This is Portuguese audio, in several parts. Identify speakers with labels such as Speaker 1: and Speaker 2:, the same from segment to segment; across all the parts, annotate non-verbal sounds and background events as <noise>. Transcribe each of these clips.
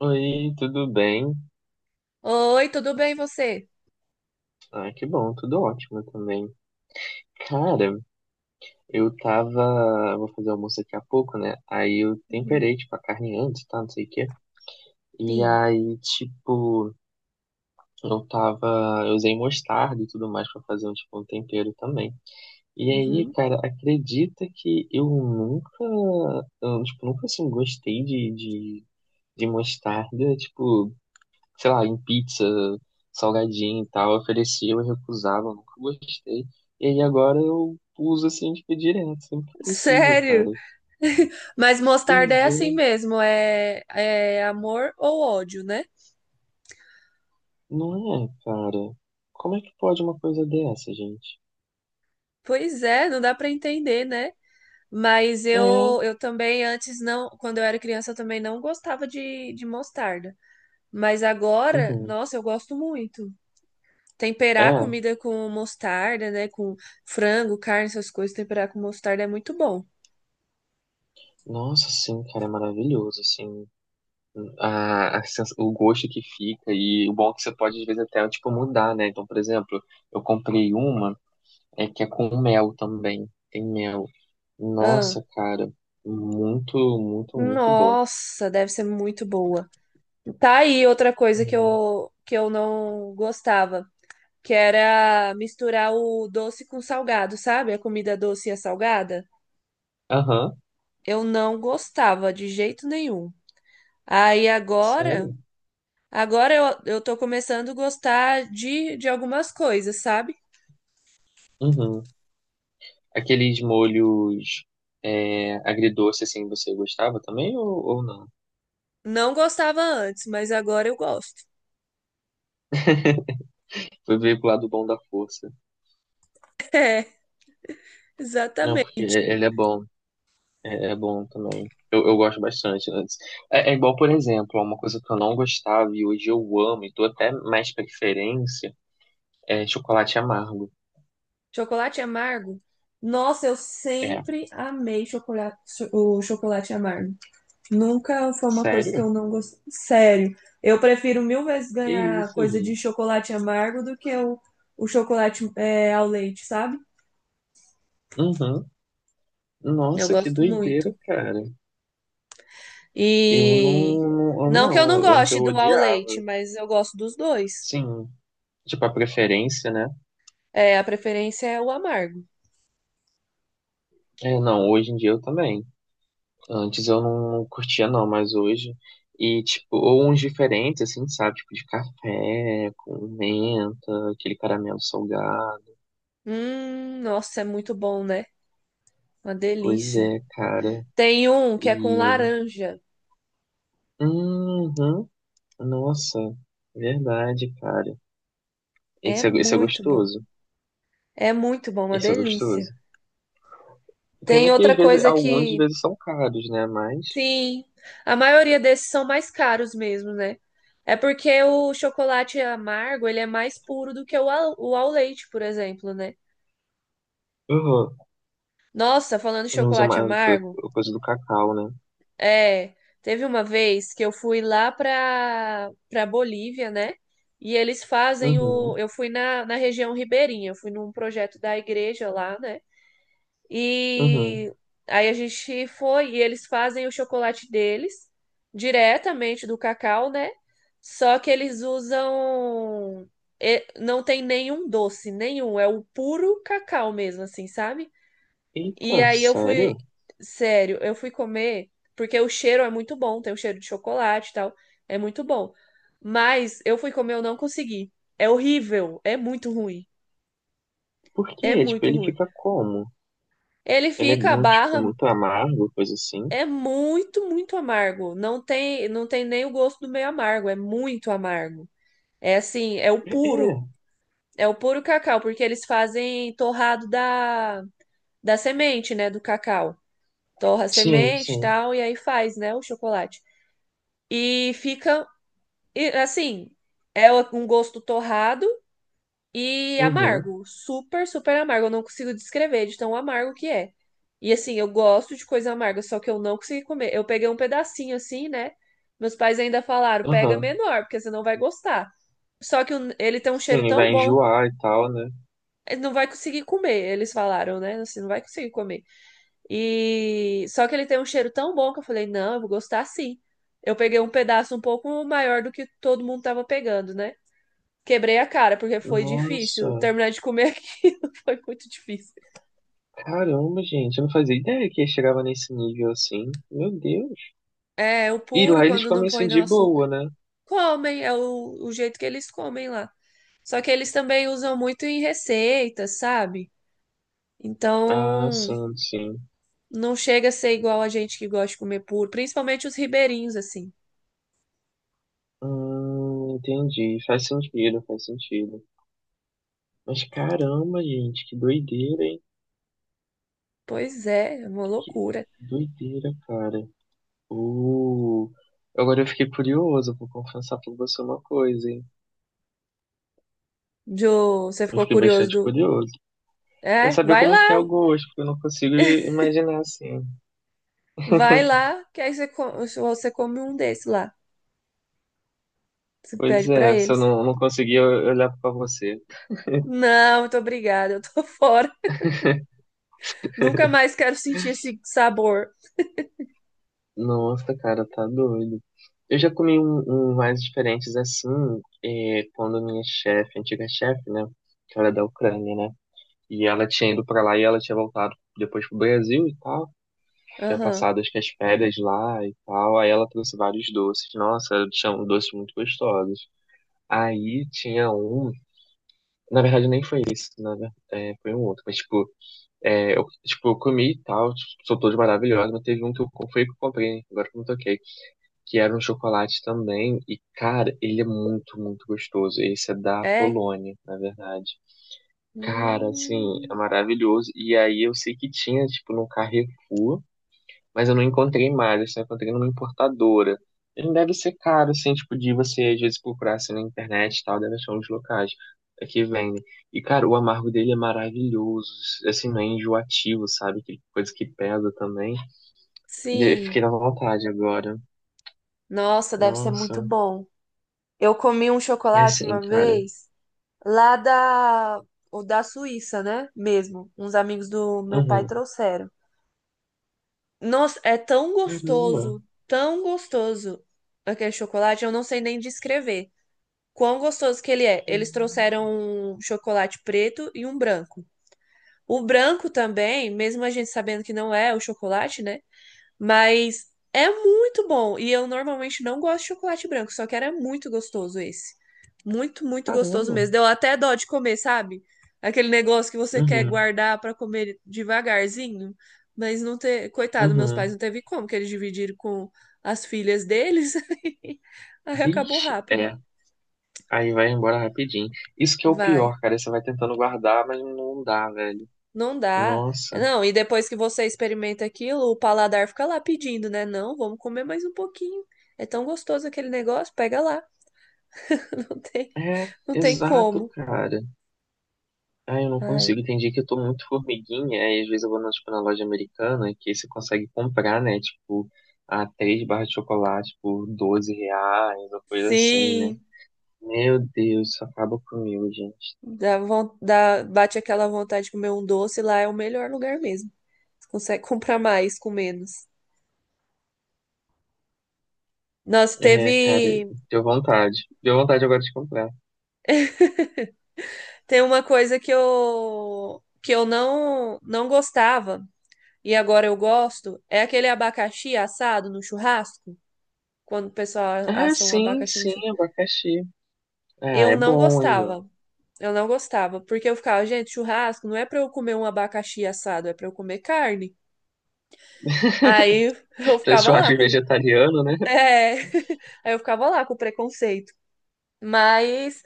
Speaker 1: Oi, tudo bem?
Speaker 2: Oi, tudo bem você?
Speaker 1: Ah, que bom, tudo ótimo também. Cara, eu tava. Eu Vou fazer almoço daqui a pouco, né? Aí eu
Speaker 2: Uhum.
Speaker 1: temperei, tipo, a carne antes, tá? Não sei o quê. E
Speaker 2: Sim.
Speaker 1: aí, tipo, eu tava. Eu usei mostarda e tudo mais pra fazer um, tipo, um tempero também. E aí,
Speaker 2: Uhum.
Speaker 1: cara, acredita que eu nunca. Eu, tipo, nunca assim gostei de mostarda, tipo. Sei lá, em pizza, salgadinho e tal, ofereciam e recusavam, nunca gostei. E aí agora eu uso assim, tipo, direto, sempre que possível,
Speaker 2: Sério?
Speaker 1: cara.
Speaker 2: <laughs> Mas mostarda
Speaker 1: Pois
Speaker 2: é assim
Speaker 1: é,
Speaker 2: mesmo, é amor ou ódio, né?
Speaker 1: não é, cara. Como é que pode uma coisa dessa, gente?
Speaker 2: Pois é, não dá pra entender, né? Mas
Speaker 1: É,
Speaker 2: eu também antes não, quando eu era criança eu também não gostava de mostarda. Mas agora,
Speaker 1: uhum.
Speaker 2: nossa, eu gosto muito. Temperar a
Speaker 1: É,
Speaker 2: comida com mostarda, né? Com frango, carne, essas coisas, temperar com mostarda é muito bom.
Speaker 1: nossa, sim, cara, é maravilhoso, assim. O gosto que fica, e o bom é que você pode, às vezes, até, tipo, mudar, né? Então, por exemplo, eu comprei uma que é com mel também. Tem mel.
Speaker 2: Ah,
Speaker 1: Nossa, cara, muito, muito, muito bom.
Speaker 2: nossa, deve ser muito boa. Tá aí outra coisa
Speaker 1: É.
Speaker 2: que eu não gostava, que era misturar o doce com salgado, sabe? A comida doce e a salgada.
Speaker 1: Aham,
Speaker 2: Eu não gostava de jeito nenhum. Aí agora,
Speaker 1: sério?
Speaker 2: agora eu tô começando a gostar de algumas coisas, sabe?
Speaker 1: Uhum. Aqueles molhos agridoce, assim, você gostava também ou não?
Speaker 2: Não gostava antes, mas agora eu gosto.
Speaker 1: Foi ver pro lado bom da força.
Speaker 2: <laughs> É,
Speaker 1: Não, porque
Speaker 2: exatamente.
Speaker 1: ele é bom, é bom também. Eu gosto bastante, né? É igual, por exemplo, uma coisa que eu não gostava e hoje eu amo e dou até mais preferência é chocolate amargo.
Speaker 2: Chocolate amargo? Nossa, eu
Speaker 1: É,
Speaker 2: sempre amei chocolate, o chocolate amargo. Nunca foi uma coisa que
Speaker 1: sério?
Speaker 2: eu não gostei. Sério, eu prefiro mil vezes
Speaker 1: Que
Speaker 2: ganhar
Speaker 1: isso,
Speaker 2: coisa de
Speaker 1: gente?
Speaker 2: chocolate amargo do que o chocolate ao leite, sabe?
Speaker 1: Uhum.
Speaker 2: Eu
Speaker 1: Nossa, que
Speaker 2: gosto
Speaker 1: doideira,
Speaker 2: muito.
Speaker 1: cara. Eu
Speaker 2: E
Speaker 1: não, não, eu
Speaker 2: não que eu não
Speaker 1: não, antes
Speaker 2: goste
Speaker 1: eu
Speaker 2: do ao leite,
Speaker 1: odiava.
Speaker 2: mas eu gosto dos dois.
Speaker 1: Sim, tipo a preferência, né?
Speaker 2: É, a preferência é o amargo.
Speaker 1: É, não, hoje em dia eu também. Antes eu não, não curtia não, mas hoje e tipo, ou uns diferentes assim, sabe, tipo de café com menta, aquele caramelo salgado.
Speaker 2: Nossa, é muito bom, né? Uma
Speaker 1: Pois
Speaker 2: delícia.
Speaker 1: é, cara.
Speaker 2: Tem um que é com
Speaker 1: E
Speaker 2: laranja.
Speaker 1: uhum, nossa, verdade, cara.
Speaker 2: É
Speaker 1: Esse é
Speaker 2: muito bom.
Speaker 1: gostoso.
Speaker 2: É muito bom, uma
Speaker 1: Esse é
Speaker 2: delícia.
Speaker 1: gostoso. Pena
Speaker 2: Tem
Speaker 1: que às
Speaker 2: outra
Speaker 1: vezes
Speaker 2: coisa
Speaker 1: alguns às
Speaker 2: que
Speaker 1: vezes são caros, né? Mas
Speaker 2: sim, a maioria desses são mais caros mesmo, né? É porque o chocolate amargo, ele é mais puro do que o ao leite, por exemplo, né?
Speaker 1: uhum.
Speaker 2: Nossa, falando em
Speaker 1: Não usa
Speaker 2: chocolate
Speaker 1: mais a
Speaker 2: amargo,
Speaker 1: co- coisa do cacau, né?
Speaker 2: é, teve uma vez que eu fui lá pra Bolívia, né? E eles fazem o,
Speaker 1: Uhum,
Speaker 2: eu fui na região ribeirinha, eu fui num projeto da igreja lá, né?
Speaker 1: uhum.
Speaker 2: E aí a gente foi e eles fazem o chocolate deles diretamente do cacau, né? Só que eles usam. Não tem nenhum doce, nenhum. É o puro cacau mesmo, assim, sabe? E
Speaker 1: Eita,
Speaker 2: aí eu fui.
Speaker 1: sério?
Speaker 2: Sério, eu fui comer, porque o cheiro é muito bom, tem o cheiro de chocolate e tal. É muito bom. Mas eu fui comer, eu não consegui. É horrível, é muito ruim.
Speaker 1: Por
Speaker 2: É
Speaker 1: quê? Tipo,
Speaker 2: muito
Speaker 1: ele
Speaker 2: ruim.
Speaker 1: fica como?
Speaker 2: Ele
Speaker 1: Ele é
Speaker 2: fica a
Speaker 1: muito, tipo,
Speaker 2: barra
Speaker 1: muito amargo, coisa assim?
Speaker 2: é muito, muito amargo. Não tem nem o gosto do meio amargo, é muito amargo. É assim,
Speaker 1: É, é.
Speaker 2: é o puro cacau, porque eles fazem torrado da semente, né, do cacau. Torra a
Speaker 1: Sim,
Speaker 2: semente e
Speaker 1: sim.
Speaker 2: tal, e aí faz, né, o chocolate. E fica, e, assim, é um gosto torrado, e
Speaker 1: Uhum,
Speaker 2: amargo, super, super amargo. Eu não consigo descrever de tão amargo que é. E assim, eu gosto de coisa amarga, só que eu não consegui comer. Eu peguei um pedacinho assim, né? Meus pais ainda falaram, pega
Speaker 1: uhum.
Speaker 2: menor, porque você não vai gostar. Ele tem um cheiro
Speaker 1: Sim,
Speaker 2: tão
Speaker 1: vai
Speaker 2: bom,
Speaker 1: enjoar e tal, né?
Speaker 2: ele não vai conseguir comer, eles falaram, né? Assim, não vai conseguir comer. E só que ele tem um cheiro tão bom que eu falei, não, eu vou gostar sim. Eu peguei um pedaço um pouco maior do que todo mundo tava pegando, né? Quebrei a cara, porque foi
Speaker 1: Nossa,
Speaker 2: difícil. Terminar de comer aquilo <laughs> foi muito difícil.
Speaker 1: caramba, gente, eu não fazia ideia que chegava nesse nível assim. Meu Deus.
Speaker 2: É, o
Speaker 1: E
Speaker 2: puro,
Speaker 1: lá eles
Speaker 2: quando
Speaker 1: comem
Speaker 2: não
Speaker 1: assim
Speaker 2: põe não
Speaker 1: de
Speaker 2: açúcar.
Speaker 1: boa, né?
Speaker 2: Comem, é o jeito que eles comem lá. Só que eles também usam muito em receitas, sabe?
Speaker 1: Ah,
Speaker 2: Então,
Speaker 1: sim, sim.
Speaker 2: não chega a ser igual a gente que gosta de comer puro, principalmente os ribeirinhos, assim.
Speaker 1: Entendi. Faz sentido, faz sentido. Mas caramba, gente, que doideira, hein?
Speaker 2: Pois é, é uma
Speaker 1: Que
Speaker 2: loucura.
Speaker 1: doideira, cara. Uh, Agora eu fiquei curioso, vou confessar pra você uma coisa, hein?
Speaker 2: Jo, você
Speaker 1: Eu
Speaker 2: ficou
Speaker 1: fiquei
Speaker 2: curioso
Speaker 1: bastante
Speaker 2: do.
Speaker 1: curioso. Quer
Speaker 2: É,
Speaker 1: saber como que é o gosto, porque eu não consigo imaginar assim.
Speaker 2: vai lá, que aí você, você come um desse lá. Você
Speaker 1: Pois
Speaker 2: pede pra
Speaker 1: é, se eu
Speaker 2: eles.
Speaker 1: não, não conseguir eu pra você.
Speaker 2: Não, muito obrigada, eu tô <laughs> fora. Nunca mais quero sentir esse sabor.
Speaker 1: Nossa, cara, tá doido. Eu já comi um mais diferentes assim, quando minha chefe, antiga chefe, né? Que ela é da Ucrânia, né? E ela tinha ido pra lá e ela tinha voltado depois pro Brasil e tal. Tinha
Speaker 2: Aham.
Speaker 1: passado acho que as férias lá e tal. Aí ela trouxe vários doces. Nossa, tinha doces muito gostosos. Aí tinha um. Na verdade, nem foi esse, foi um outro. Mas, tipo, eu comi e tal, tipo, são todos maravilhosos, mas teve um que foi que eu comprei, né? Agora que eu me toquei, que era um chocolate também. E, cara, ele é muito, muito gostoso. Esse é da
Speaker 2: É?
Speaker 1: Polônia, na verdade. Cara, assim, é
Speaker 2: Hum,
Speaker 1: maravilhoso. E aí eu sei que tinha, tipo, no Carrefour. Mas eu não encontrei mais, eu só encontrei numa importadora. Ele deve ser caro, assim, tipo, de você às vezes procurar assim na internet e tal, deve achar uns locais que vendem. E, cara, o amargo dele é maravilhoso, assim, não é enjoativo, sabe? Que coisa que pesa também. De- fiquei
Speaker 2: sim.
Speaker 1: na vontade agora.
Speaker 2: Nossa, deve ser muito
Speaker 1: Nossa,
Speaker 2: bom. Eu comi um
Speaker 1: é
Speaker 2: chocolate
Speaker 1: assim,
Speaker 2: uma
Speaker 1: cara.
Speaker 2: vez lá da, o da Suíça, né? Mesmo. Uns amigos do meu pai
Speaker 1: Uhum.
Speaker 2: trouxeram. Nossa, é
Speaker 1: Caramba.
Speaker 2: tão gostoso aquele chocolate. Eu não sei nem descrever quão gostoso que ele é. Eles
Speaker 1: Hum,
Speaker 2: trouxeram um chocolate preto e um branco. O branco também, mesmo a gente sabendo que não é o chocolate, né? Mas é muito bom. E eu normalmente não gosto de chocolate branco, só que era muito gostoso esse. Muito, muito gostoso
Speaker 1: Caramba.
Speaker 2: mesmo. Deu até dó de comer, sabe? Aquele negócio que você quer
Speaker 1: Uhum.
Speaker 2: guardar pra comer devagarzinho, mas não ter. Coitado, meus pais
Speaker 1: Uhum.
Speaker 2: não teve como, que eles dividiram com as filhas deles. <laughs> Aí acabou
Speaker 1: Vixe,
Speaker 2: rápido.
Speaker 1: é. Aí vai embora rapidinho. Isso que é o
Speaker 2: Vai.
Speaker 1: pior, cara. Você vai tentando guardar, mas não dá, velho.
Speaker 2: Não dá.
Speaker 1: Nossa,
Speaker 2: Não, e depois que você experimenta aquilo, o paladar fica lá pedindo, né? Não, vamos comer mais um pouquinho. É tão gostoso aquele negócio, pega lá. <laughs> Não tem,
Speaker 1: é,
Speaker 2: não tem
Speaker 1: exato,
Speaker 2: como.
Speaker 1: cara. Ah, eu não
Speaker 2: Ai.
Speaker 1: consigo. Tem dia que eu tô muito formiguinha, aí às vezes eu vou na, tipo, na loja americana, que você consegue comprar, né? Tipo, a três barras de chocolate por R$ 12, ou coisa assim, né?
Speaker 2: Sim,
Speaker 1: Meu Deus, isso acaba comigo, gente.
Speaker 2: bate aquela vontade de comer um doce, lá é o melhor lugar mesmo. Você consegue <laughs> comprar mais com menos. Nossa,
Speaker 1: É, cara,
Speaker 2: teve,
Speaker 1: deu vontade. Deu vontade agora de comprar.
Speaker 2: tem uma coisa que eu não gostava e agora eu gosto, é aquele abacaxi assado no churrasco. Quando o pessoal
Speaker 1: Ah,
Speaker 2: assa um
Speaker 1: sim,
Speaker 2: abacaxi no
Speaker 1: sim,
Speaker 2: churrasco.
Speaker 1: abacaxi. Ah,
Speaker 2: Eu
Speaker 1: é
Speaker 2: não
Speaker 1: bom aí, ó.
Speaker 2: gostava. Eu não gostava, porque eu ficava, gente, churrasco não é pra eu comer um abacaxi assado, é pra eu comer carne. Aí <laughs> eu
Speaker 1: <laughs> Pra
Speaker 2: ficava lá
Speaker 1: churrasco
Speaker 2: com
Speaker 1: vegetariano, né?
Speaker 2: é, <laughs> aí eu ficava lá com preconceito. Mas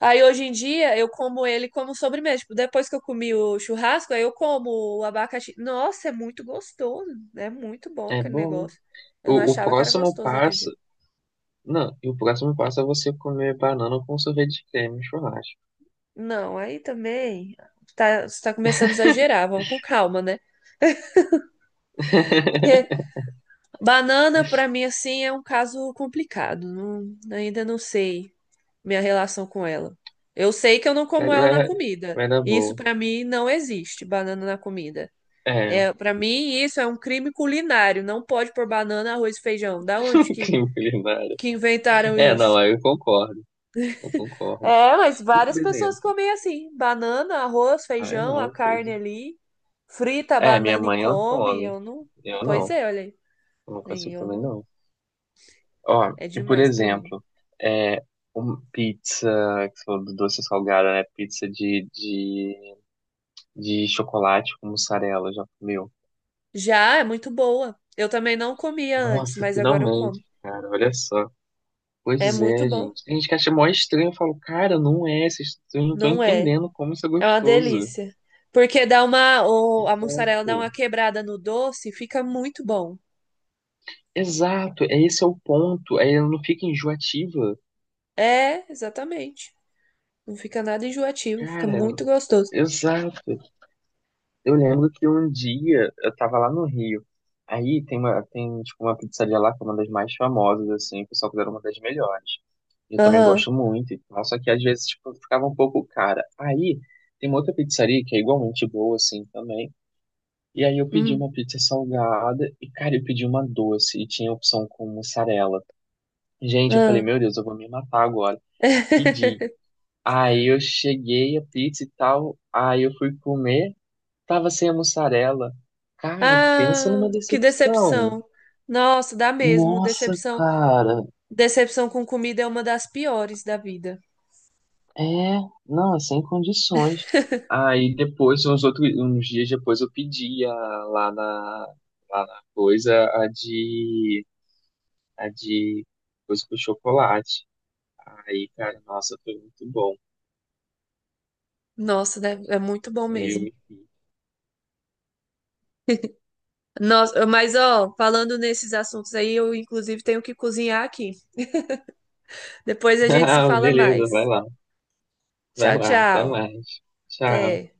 Speaker 2: aí hoje em dia eu como ele como sobremesa. Tipo, depois que eu comi o churrasco, aí eu como o abacaxi. Nossa, é muito gostoso, né? É muito bom
Speaker 1: É
Speaker 2: aquele
Speaker 1: bom.
Speaker 2: negócio. Eu não
Speaker 1: O
Speaker 2: achava que era
Speaker 1: próximo
Speaker 2: gostoso naquele
Speaker 1: passo
Speaker 2: dia.
Speaker 1: Não, e o próximo passo é você comer banana com sorvete de creme, no churrasco.
Speaker 2: Não, aí também tá, você tá começando a exagerar, vamos com calma, né?
Speaker 1: <laughs>
Speaker 2: Porque banana, pra mim, assim, é um caso complicado. Ainda não sei minha relação com ela. Eu sei que eu não
Speaker 1: Vai,
Speaker 2: como ela na
Speaker 1: vai,
Speaker 2: comida.
Speaker 1: vai dar
Speaker 2: Isso,
Speaker 1: boa.
Speaker 2: pra mim, não existe, banana na comida.
Speaker 1: É,
Speaker 2: É, para mim, isso é um crime culinário. Não pode pôr banana, arroz e feijão. Da onde
Speaker 1: <laughs> crime culinário.
Speaker 2: que inventaram
Speaker 1: É, não,
Speaker 2: isso?
Speaker 1: aí eu concordo, eu concordo.
Speaker 2: É, mas
Speaker 1: E, por
Speaker 2: várias pessoas
Speaker 1: exemplo,
Speaker 2: comem assim: banana, arroz,
Speaker 1: ai
Speaker 2: feijão, a
Speaker 1: não,
Speaker 2: carne
Speaker 1: cruzes.
Speaker 2: ali, frita a
Speaker 1: É, minha
Speaker 2: banana e
Speaker 1: mãe, ela
Speaker 2: come.
Speaker 1: come.
Speaker 2: Eu não.
Speaker 1: Eu
Speaker 2: Pois
Speaker 1: não,
Speaker 2: é, olha
Speaker 1: eu não
Speaker 2: aí.
Speaker 1: consigo
Speaker 2: Eu
Speaker 1: também
Speaker 2: não.
Speaker 1: não. Ó,
Speaker 2: É
Speaker 1: e por
Speaker 2: demais pra mim.
Speaker 1: exemplo, é, pizza, que você falou do doce salgada, né? Pizza de chocolate com mussarela, já comeu?
Speaker 2: Já é muito boa. Eu também não comia antes,
Speaker 1: Nossa,
Speaker 2: mas agora eu
Speaker 1: finalmente,
Speaker 2: como.
Speaker 1: cara, olha só.
Speaker 2: É
Speaker 1: Pois
Speaker 2: muito
Speaker 1: é,
Speaker 2: bom.
Speaker 1: gente. Tem gente que acha mó estranho. Eu falo, cara, não é. Vocês não estão
Speaker 2: Não é?
Speaker 1: entendendo como isso é
Speaker 2: É uma
Speaker 1: gostoso.
Speaker 2: delícia. Porque dá uma. A mussarela dá uma
Speaker 1: Exato.
Speaker 2: quebrada no doce, e fica muito bom.
Speaker 1: Exato. É, esse é o ponto. Aí ela não fica enjoativa.
Speaker 2: É, exatamente. Não fica nada enjoativo, fica
Speaker 1: Cara,
Speaker 2: muito gostoso.
Speaker 1: exato. Eu lembro que um dia eu tava lá no Rio. Aí tem uma, tem, tipo, uma pizzaria lá que é uma das mais famosas, assim. O pessoal considera uma das melhores. Eu também
Speaker 2: Aham.
Speaker 1: gosto muito e tal. Só que às vezes, tipo, ficava um pouco cara. Aí tem uma outra pizzaria que é igualmente boa, assim, também. E aí eu pedi uma
Speaker 2: Hum,
Speaker 1: pizza salgada e, cara, eu pedi uma doce e tinha opção com mussarela. Gente, eu falei,
Speaker 2: ah.
Speaker 1: meu Deus, eu vou me matar agora.
Speaker 2: <laughs>
Speaker 1: Pedi. Aí eu cheguei a pizza e tal, aí eu fui comer, tava sem a mussarela. Cara, pensa
Speaker 2: Ah,
Speaker 1: numa
Speaker 2: que
Speaker 1: decepção.
Speaker 2: decepção. Nossa, dá mesmo.
Speaker 1: Nossa,
Speaker 2: Decepção,
Speaker 1: cara,
Speaker 2: decepção com comida é uma das piores da vida.
Speaker 1: é, não, é sem condições. Aí depois, uns outros, uns dias depois, eu pedi lá na, lá na coisa, a de coisa com chocolate. Aí, cara, nossa, foi muito bom.
Speaker 2: Nossa, deve- é muito bom
Speaker 1: Aí eu
Speaker 2: mesmo.
Speaker 1: me fiz.
Speaker 2: Nossa, mas ó, falando nesses assuntos aí, eu inclusive tenho que cozinhar aqui. Depois
Speaker 1: <laughs>
Speaker 2: a gente se
Speaker 1: Ah,
Speaker 2: fala
Speaker 1: beleza, vai
Speaker 2: mais.
Speaker 1: lá. Vai
Speaker 2: Tchau,
Speaker 1: lá, até
Speaker 2: tchau.
Speaker 1: mais. Tchau.
Speaker 2: Até.